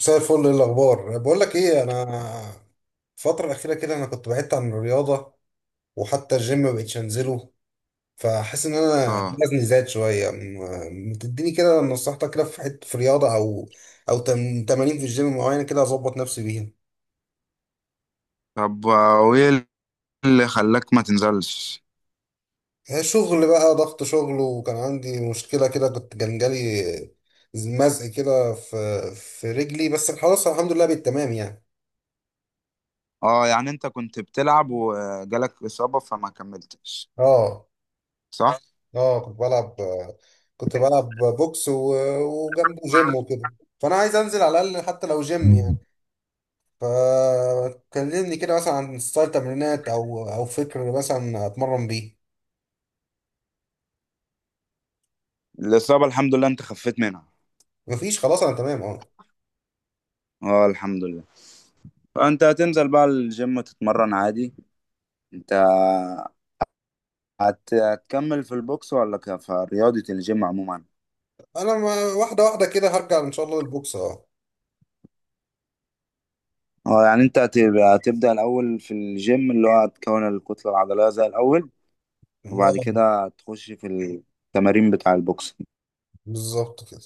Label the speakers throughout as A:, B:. A: مساء الفل، ايه الاخبار؟ بقول لك ايه، انا الفتره الاخيره كده انا كنت بعدت عن الرياضه، وحتى الجيم ما بقتش انزله، فحاسس ان انا
B: اه.
A: وزني زاد شويه. ما تديني كده نصيحتك كده في حته، في رياضه او تمارين في الجيم معينه كده اظبط نفسي بيها؟
B: طب، وايه اللي خلاك ما تنزلش؟
A: هي شغل بقى، ضغط شغل، وكان عندي مشكله كده، كان جالي مزق كده في رجلي، بس خلاص الحمد لله بالتمام يعني.
B: اه، يعني انت كنت بتلعب وجالك اصابة فما كملتش،
A: اه،
B: صح؟
A: اه، كنت بلعب بوكس وجنبه جيم وكده، فانا عايز انزل على الاقل حتى لو جيم يعني. فكلمني كده مثلا عن ستايل تمرينات او فكر مثلا اتمرن بيه.
B: الاصابة الحمد لله انت خفيت منها؟
A: مفيش، خلاص، انا تمام، اه.
B: اه، الحمد لله. فانت هتنزل بقى الجيم تتمرن عادي، انت هتكمل في البوكس ولا في رياضة الجيم عموما؟
A: انا، ما واحده واحده كده هرجع ان شاء الله للبوكس، اه،
B: اه، يعني انت هتبدأ الاول في الجيم، اللي هو هتكون الكتلة العضلية زي الاول، وبعد
A: اه،
B: كده تخش في التمارين بتاع البوكس.
A: بالظبط كده.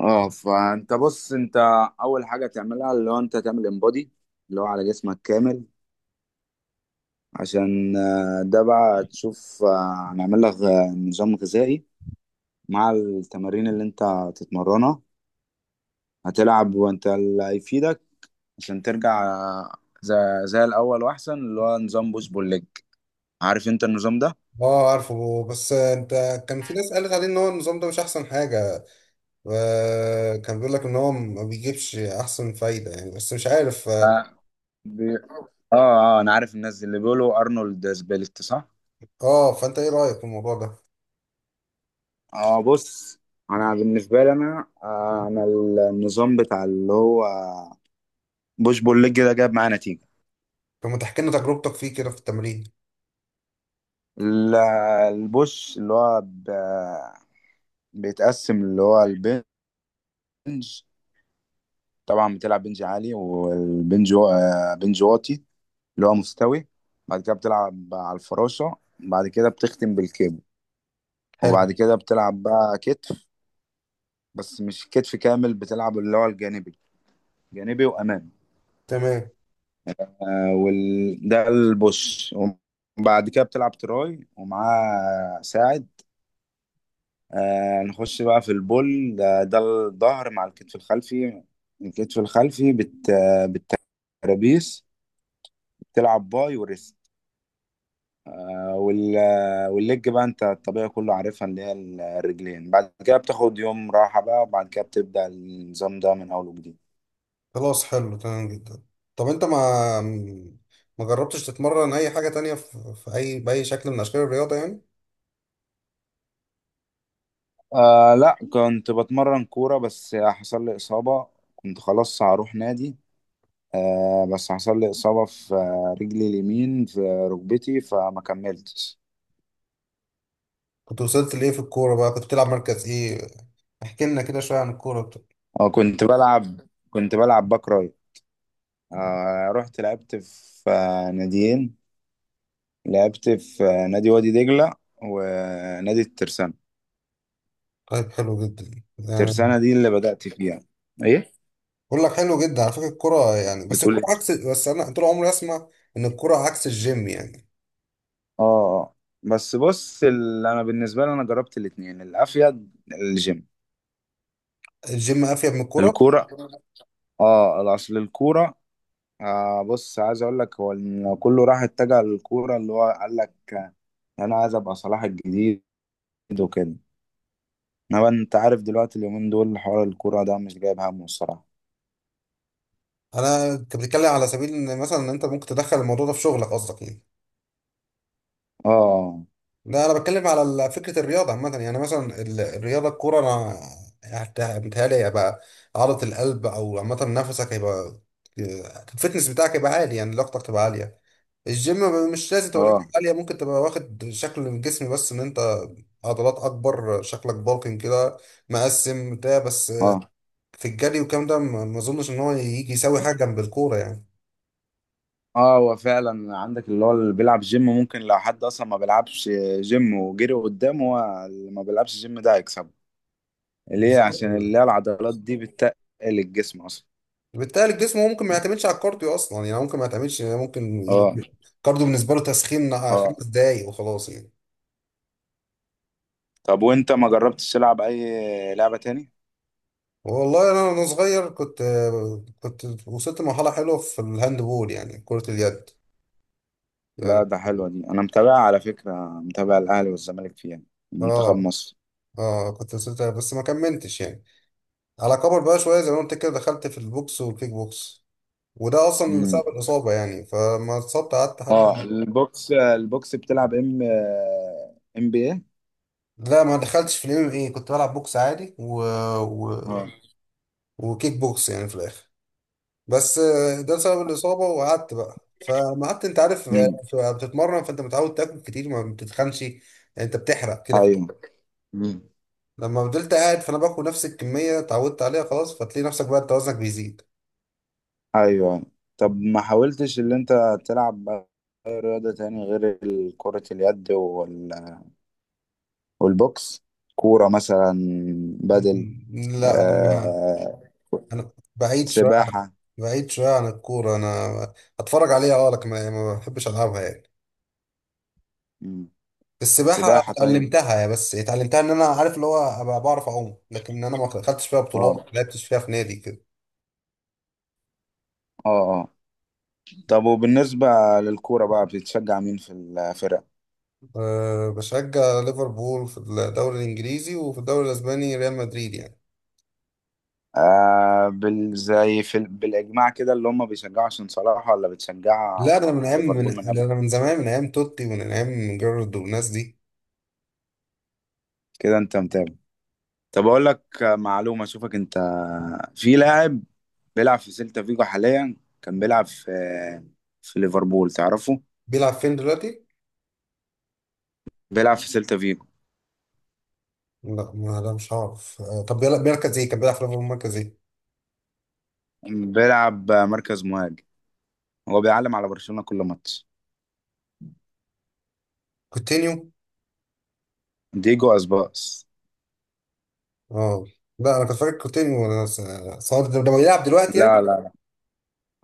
B: اه، فانت بص، انت اول حاجه تعملها اللي هو انت تعمل انبادي، اللي هو على جسمك كامل، عشان ده بقى تشوف، هنعمل لك نظام غذائي مع التمارين اللي انت هتتمرنها، هتلعب وانت اللي هيفيدك، عشان ترجع زي, زي الاول واحسن، اللي هو نظام بوش بول ليج. عارف انت النظام ده؟
A: اه، عارفه، بس انت كان في ناس قالت عليه ان هو النظام ده مش احسن حاجه. كان بيقول لك ان هو ما بيجيبش احسن فايده يعني، بس مش عارف
B: اه. بي... انا عارف الناس اللي بيقولوا ارنولد سبليت، صح.
A: اه، فانت ايه رأيك في الموضوع ده؟
B: اه، بص، انا بالنسبه لي انا النظام بتاع اللي هو بوش بول ليج ده جاب معايا نتيجه.
A: طب ما تحكي لنا تجربتك فيه كده في التمرين؟
B: ال- البوش اللي هو بيتقسم اللي هو البنج. طبعا بتلعب بنج عالي، والبنج بنج واطي اللي هو مستوي. بعد كده بتلعب على الفراشه، بعد كده بتختم بالكيبل.
A: حلو،
B: وبعد كده بتلعب بقى كتف، بس مش كتف كامل، بتلعب اللي هو الجانبي، جانبي وامامي.
A: تمام.
B: ده البوش. وبعد كده بتلعب تراي ومعاه ساعد. نخش بقى في البول ده الظهر مع الكتف الخلفي. الكتف الخلفي بت... آه، بالترابيس، بتلعب باي وريست. والليج بقى انت الطبيعي كله عارفها، اللي هي الرجلين. بعد كده بتاخد يوم راحة بقى، وبعد كده بتبدأ النظام ده من أول وجديد.
A: خلاص، حلو، تمام جدا. طب انت ما جربتش تتمرن اي حاجة تانية في اي، بأي شكل من اشكال الرياضة يعني؟
B: لا، كنت بتمرن كورة بس حصل لي إصابة. كنت خلاص هروح نادي، بس حصل لي إصابة في رجلي اليمين، في ركبتي، فما كملتش.
A: كنت وصلت لايه في الكورة بقى؟ كنت بتلعب مركز ايه؟ احكي لنا كده شوية عن الكورة بتاعتك.
B: اه. كنت بلعب باك رايت. رحت لعبت في ناديين، لعبت في نادي وادي دجلة، ونادي الترسانة.
A: طيب، حلو جدا يعني.
B: الترسانة دي اللي بدأت فيها، ايه.
A: بقول لك حلو جدا على فكرة الكورة يعني، بس
B: بتقول
A: الكورة
B: إيه؟
A: عكس، بس انا طول عمري اسمع ان الكورة عكس الجيم يعني.
B: اه، آه. بس بص، انا بالنسبة لي انا جربت الاتنين، الافيد الجيم.
A: الجيم افيد من الكورة.
B: الكورة. اه، اصل الكورة. بص، عايز اقول لك هو إن كله راح اتجه للكوره، اللي هو قال لك انا عايز ابقى صلاح الجديد وكده. انما انت عارف دلوقتي اليومين دول حوار الكوره ده مش جايب همه الصراحه.
A: انا، انت بتتكلم على سبيل ان مثلا إن انت ممكن تدخل الموضوع ده في شغلك قصدك يعني؟
B: اه،
A: لا، انا بتكلم على فكره الرياضه عامه يعني، مثلا الرياضه، الكوره، انا متهيألي هيبقى عضله القلب او عامه نفسك هيبقى، الفتنس بتاعك هيبقى عالي يعني، لياقتك تبقى عاليه. الجيم مش لازم تبقى لياقتك
B: اه،
A: عاليه، ممكن تبقى واخد شكل الجسم، بس ان انت عضلات اكبر، شكلك بالكن كده، مقسم بتاع بس.
B: اه،
A: في الجري والكلام ده ما اظنش ان هو يجي يساوي حاجه جنب الكوره يعني.
B: اه، هو فعلا عندك اللي هو اللي بيلعب جيم، ممكن لو حد اصلا ما بيلعبش جيم وجري قدامه، هو اللي ما بيلعبش جيم ده هيكسبه. ليه؟
A: بالظبط.
B: عشان اللي هي العضلات دي بتتقل الجسم اصلا.
A: بالتالي الجسم هو ممكن ما يعتمدش على الكارديو اصلا يعني، هو ممكن ما يعتمدش يعني، ممكن
B: اه،
A: الكارديو بالنسبه له تسخين
B: اه.
A: خمس دقايق وخلاص يعني.
B: طب، وانت ما جربتش تلعب اي لعبه تاني؟
A: والله انا وانا صغير كنت، كنت وصلت لمرحله حلوه في الهاند بول يعني، كره اليد
B: لا،
A: يعني.
B: ده حلوة دي، أنا متابعها على فكرة، متابع الأهلي والزمالك فيها، منتخب
A: اه،
B: مصر.
A: اه، كنت وصلت بس ما كملتش يعني. على كبر بقى شويه زي ما قلت كده دخلت في البوكس والكيك بوكس، وده اصلا اللي سبب
B: امم
A: الاصابه يعني، فما اتصبت قعدت حبه.
B: اه، البوكس، البوكس بتلعب ام، ام بي ايه؟
A: لا، ما دخلتش في الام ام اي، كنت بلعب بوكس عادي و...
B: اه.
A: وكيك بوكس يعني في الاخر. بس ده بسبب الإصابة وقعدت بقى، فما قعدت أنت عارف
B: مم.
A: بتتمرن، فأنت متعود تاكل كتير، ما بتتخنش يعني. أنت بتحرق كده كده.
B: ايوه. مم.
A: لما فضلت قاعد فأنا باكل نفس الكمية اتعودت عليها، خلاص، فتلاقي نفسك بقى أنت وزنك بيزيد.
B: ايوه. طب، ما حاولتش اللي انت تلعب اي رياضة تاني غير كرة اليد والبوكس؟ كورة مثلا، بدل
A: لا، أنا ما
B: آه...
A: أنا بعيد شوية عن
B: سباحة.
A: الكورة. أنا أتفرج عليها أه، لكن ما بحبش ألعبها يعني.
B: مم.
A: السباحة
B: سباحة، طيب.
A: اتعلمتها، بس اتعلمتها إن أنا عارف اللي هو أبقى بعرف أعوم، لكن أنا ما خدتش فيها بطولات،
B: اه.
A: ما لعبتش فيها في نادي كده.
B: اه، آه. طب، وبالنسبة للكورة بقى، بتشجع مين في الفرق؟
A: أه، بشجع ليفربول في الدوري الإنجليزي، وفي الدوري الأسباني ريال مدريد يعني.
B: آه بال زي بالإجماع كده اللي هم بيشجعوا عشان صلاح، ولا بتشجع
A: لا، أنا من أيام من
B: ليفربول من قبل؟
A: ده أنا من زمان، من أيام توتي، ومن أيام جيرارد والناس دي.
B: كده أنت متابع. طب، أقول لك معلومة أشوفك أنت. في لاعب بيلعب في سيلتا فيجو حاليا، كان بيلعب في ليفربول، تعرفه؟
A: بيلعب فين دلوقتي؟
B: بيلعب في سيلتا فيجو.
A: لا مش عارف أه، طب بيلعب مركز إيه؟ كان بيلعب في ليفربول مركز إيه؟
B: بيلعب مركز مهاجم، هو بيعلم على برشلونة كل ماتش.
A: كوتينيو؟
B: ديجو أسباس.
A: أه، لا أنا كنت فاكر كوتينيو، أنا صار ده بيلعب دلوقتي يعني؟
B: لا، لا.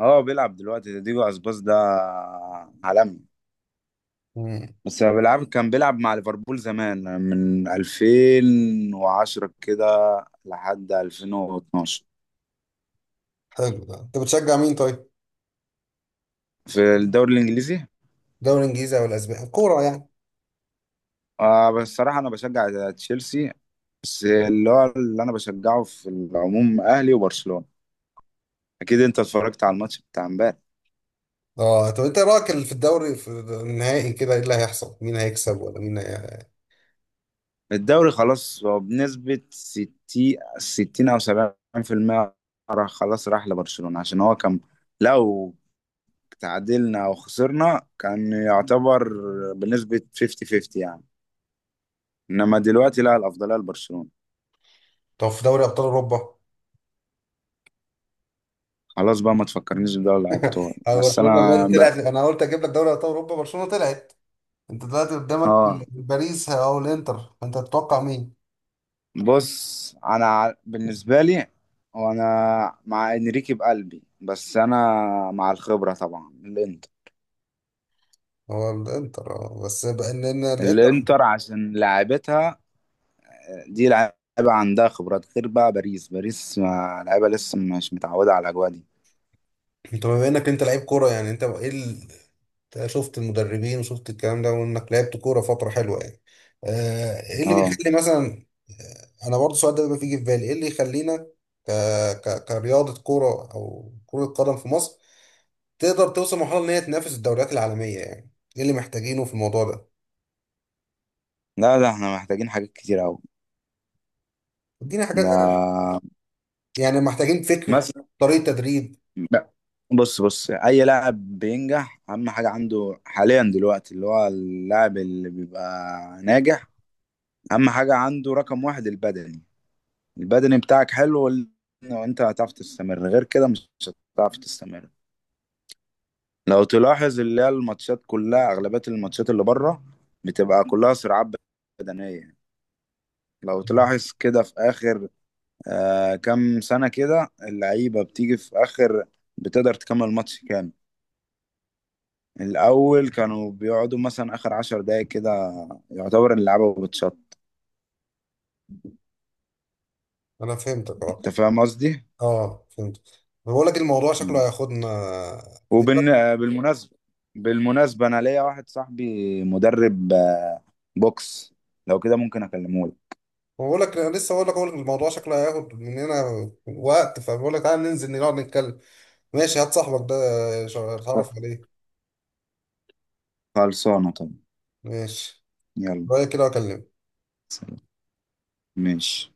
B: اه، بيلعب دلوقتي، ده ديجو اسباس، ده عالمي.
A: مم.
B: بس هو كان بيلعب مع ليفربول زمان من 2010 كده لحد 2012،
A: حلو، ده أنت بتشجع مين طيب؟
B: في الدوري الانجليزي.
A: الدوري الإنجليزي أو الأسباني؟ كورة يعني.
B: بس الصراحه انا بشجع تشيلسي، بس اللي هو اللي انا بشجعه في العموم اهلي وبرشلونه. اكيد انت اتفرجت على الماتش بتاع امبارح.
A: أه، طب أنت إيه رأيك في الدوري، في النهائي كده، إيه اللي هيحصل؟ مين هيكسب ولا مين هي...؟
B: الدوري خلاص، هو بنسبه 60، 60 او 70%، راح خلاص، راح لبرشلونه. عشان هو كان لو تعادلنا او خسرنا، كان يعتبر بنسبة 50-50 يعني، انما دلوقتي لا، الافضلية لبرشلونة.
A: طب في دوري ابطال اوروبا،
B: خلاص بقى ما تفكرنيش بدوري الابطال بس
A: برشلونه
B: انا
A: دلوقتي طلعت.
B: بقى.
A: انا قلت اجيب لك دوري ابطال اوروبا، برشلونه طلعت، انت دلوقتي قدامك
B: اه،
A: باريس او الانتر، انت تتوقع مين؟
B: بص، انا بالنسبة لي، وانا مع انريكي بقلبي، بس انا مع الخبرة طبعا الانتر.
A: هو الانتر، بس بقى إن الانتر...
B: الانتر عشان لعيبتها دي لعيبة، عندها خبرات، غير بقى باريس. باريس لعيبة لسه مش متعودة على الاجواء دي.
A: انت بما انك انت لعيب كوره يعني، انت ايه أنت شفت المدربين وشفت الكلام ده وانك لعبت كوره فتره حلوه يعني. ايه اللي
B: اه،
A: بيخلي مثلا انا برضه السؤال ده بيبقى بيجي في بالي، ايه اللي يخلينا ك... كرياضه كوره او كره قدم في مصر تقدر توصل مرحلة إن هي تنافس الدوريات العالمية يعني؟ إيه اللي محتاجينه في الموضوع ده؟
B: لا، ده احنا محتاجين حاجات كتير قوي.
A: اديني حاجات،
B: ده
A: يعني محتاجين فكر،
B: مثلا،
A: طريقة تدريب.
B: ب- بص بص، اي لاعب بينجح اهم حاجه عنده حاليا دلوقتي، اللي هو اللاعب اللي بيبقى ناجح، اهم حاجه عنده رقم واحد البدني. البدني بتاعك حلو وانت هتعرف تستمر، غير كده مش هتعرف تستمر. لو تلاحظ اللي هي الماتشات كلها، اغلبيه الماتشات اللي بره بتبقى كلها صراعات بدنيه. لو تلاحظ كده في اخر كام سنه كده، اللعيبه بتيجي في اخر بتقدر تكمل ماتش كامل. الأول كانوا بيقعدوا مثلا آخر 10 دقايق كده، يعتبر اللعبة بتشط.
A: أنا فهمتك أه.
B: أنت فاهم قصدي؟
A: أه، فهمت. بقول لك الموضوع شكله
B: مم.
A: هياخدنا.
B: وبال آه، بالمناسبة، بالمناسبة، أنا ليا واحد صاحبي مدرب بوكس، لو كده ممكن أكلمه لك.
A: بقول لك أنا لسه بقول لك أقول لك الموضوع شكله هياخد مننا وقت، فبقول لك تعالى ننزل نقعد نتكلم. ماشي، هات صاحبك ده، اتعرف عليه.
B: خلصانة طبعا.
A: ماشي،
B: يلا،
A: رأيك كده وأكلمك.
B: سلام. ماشي.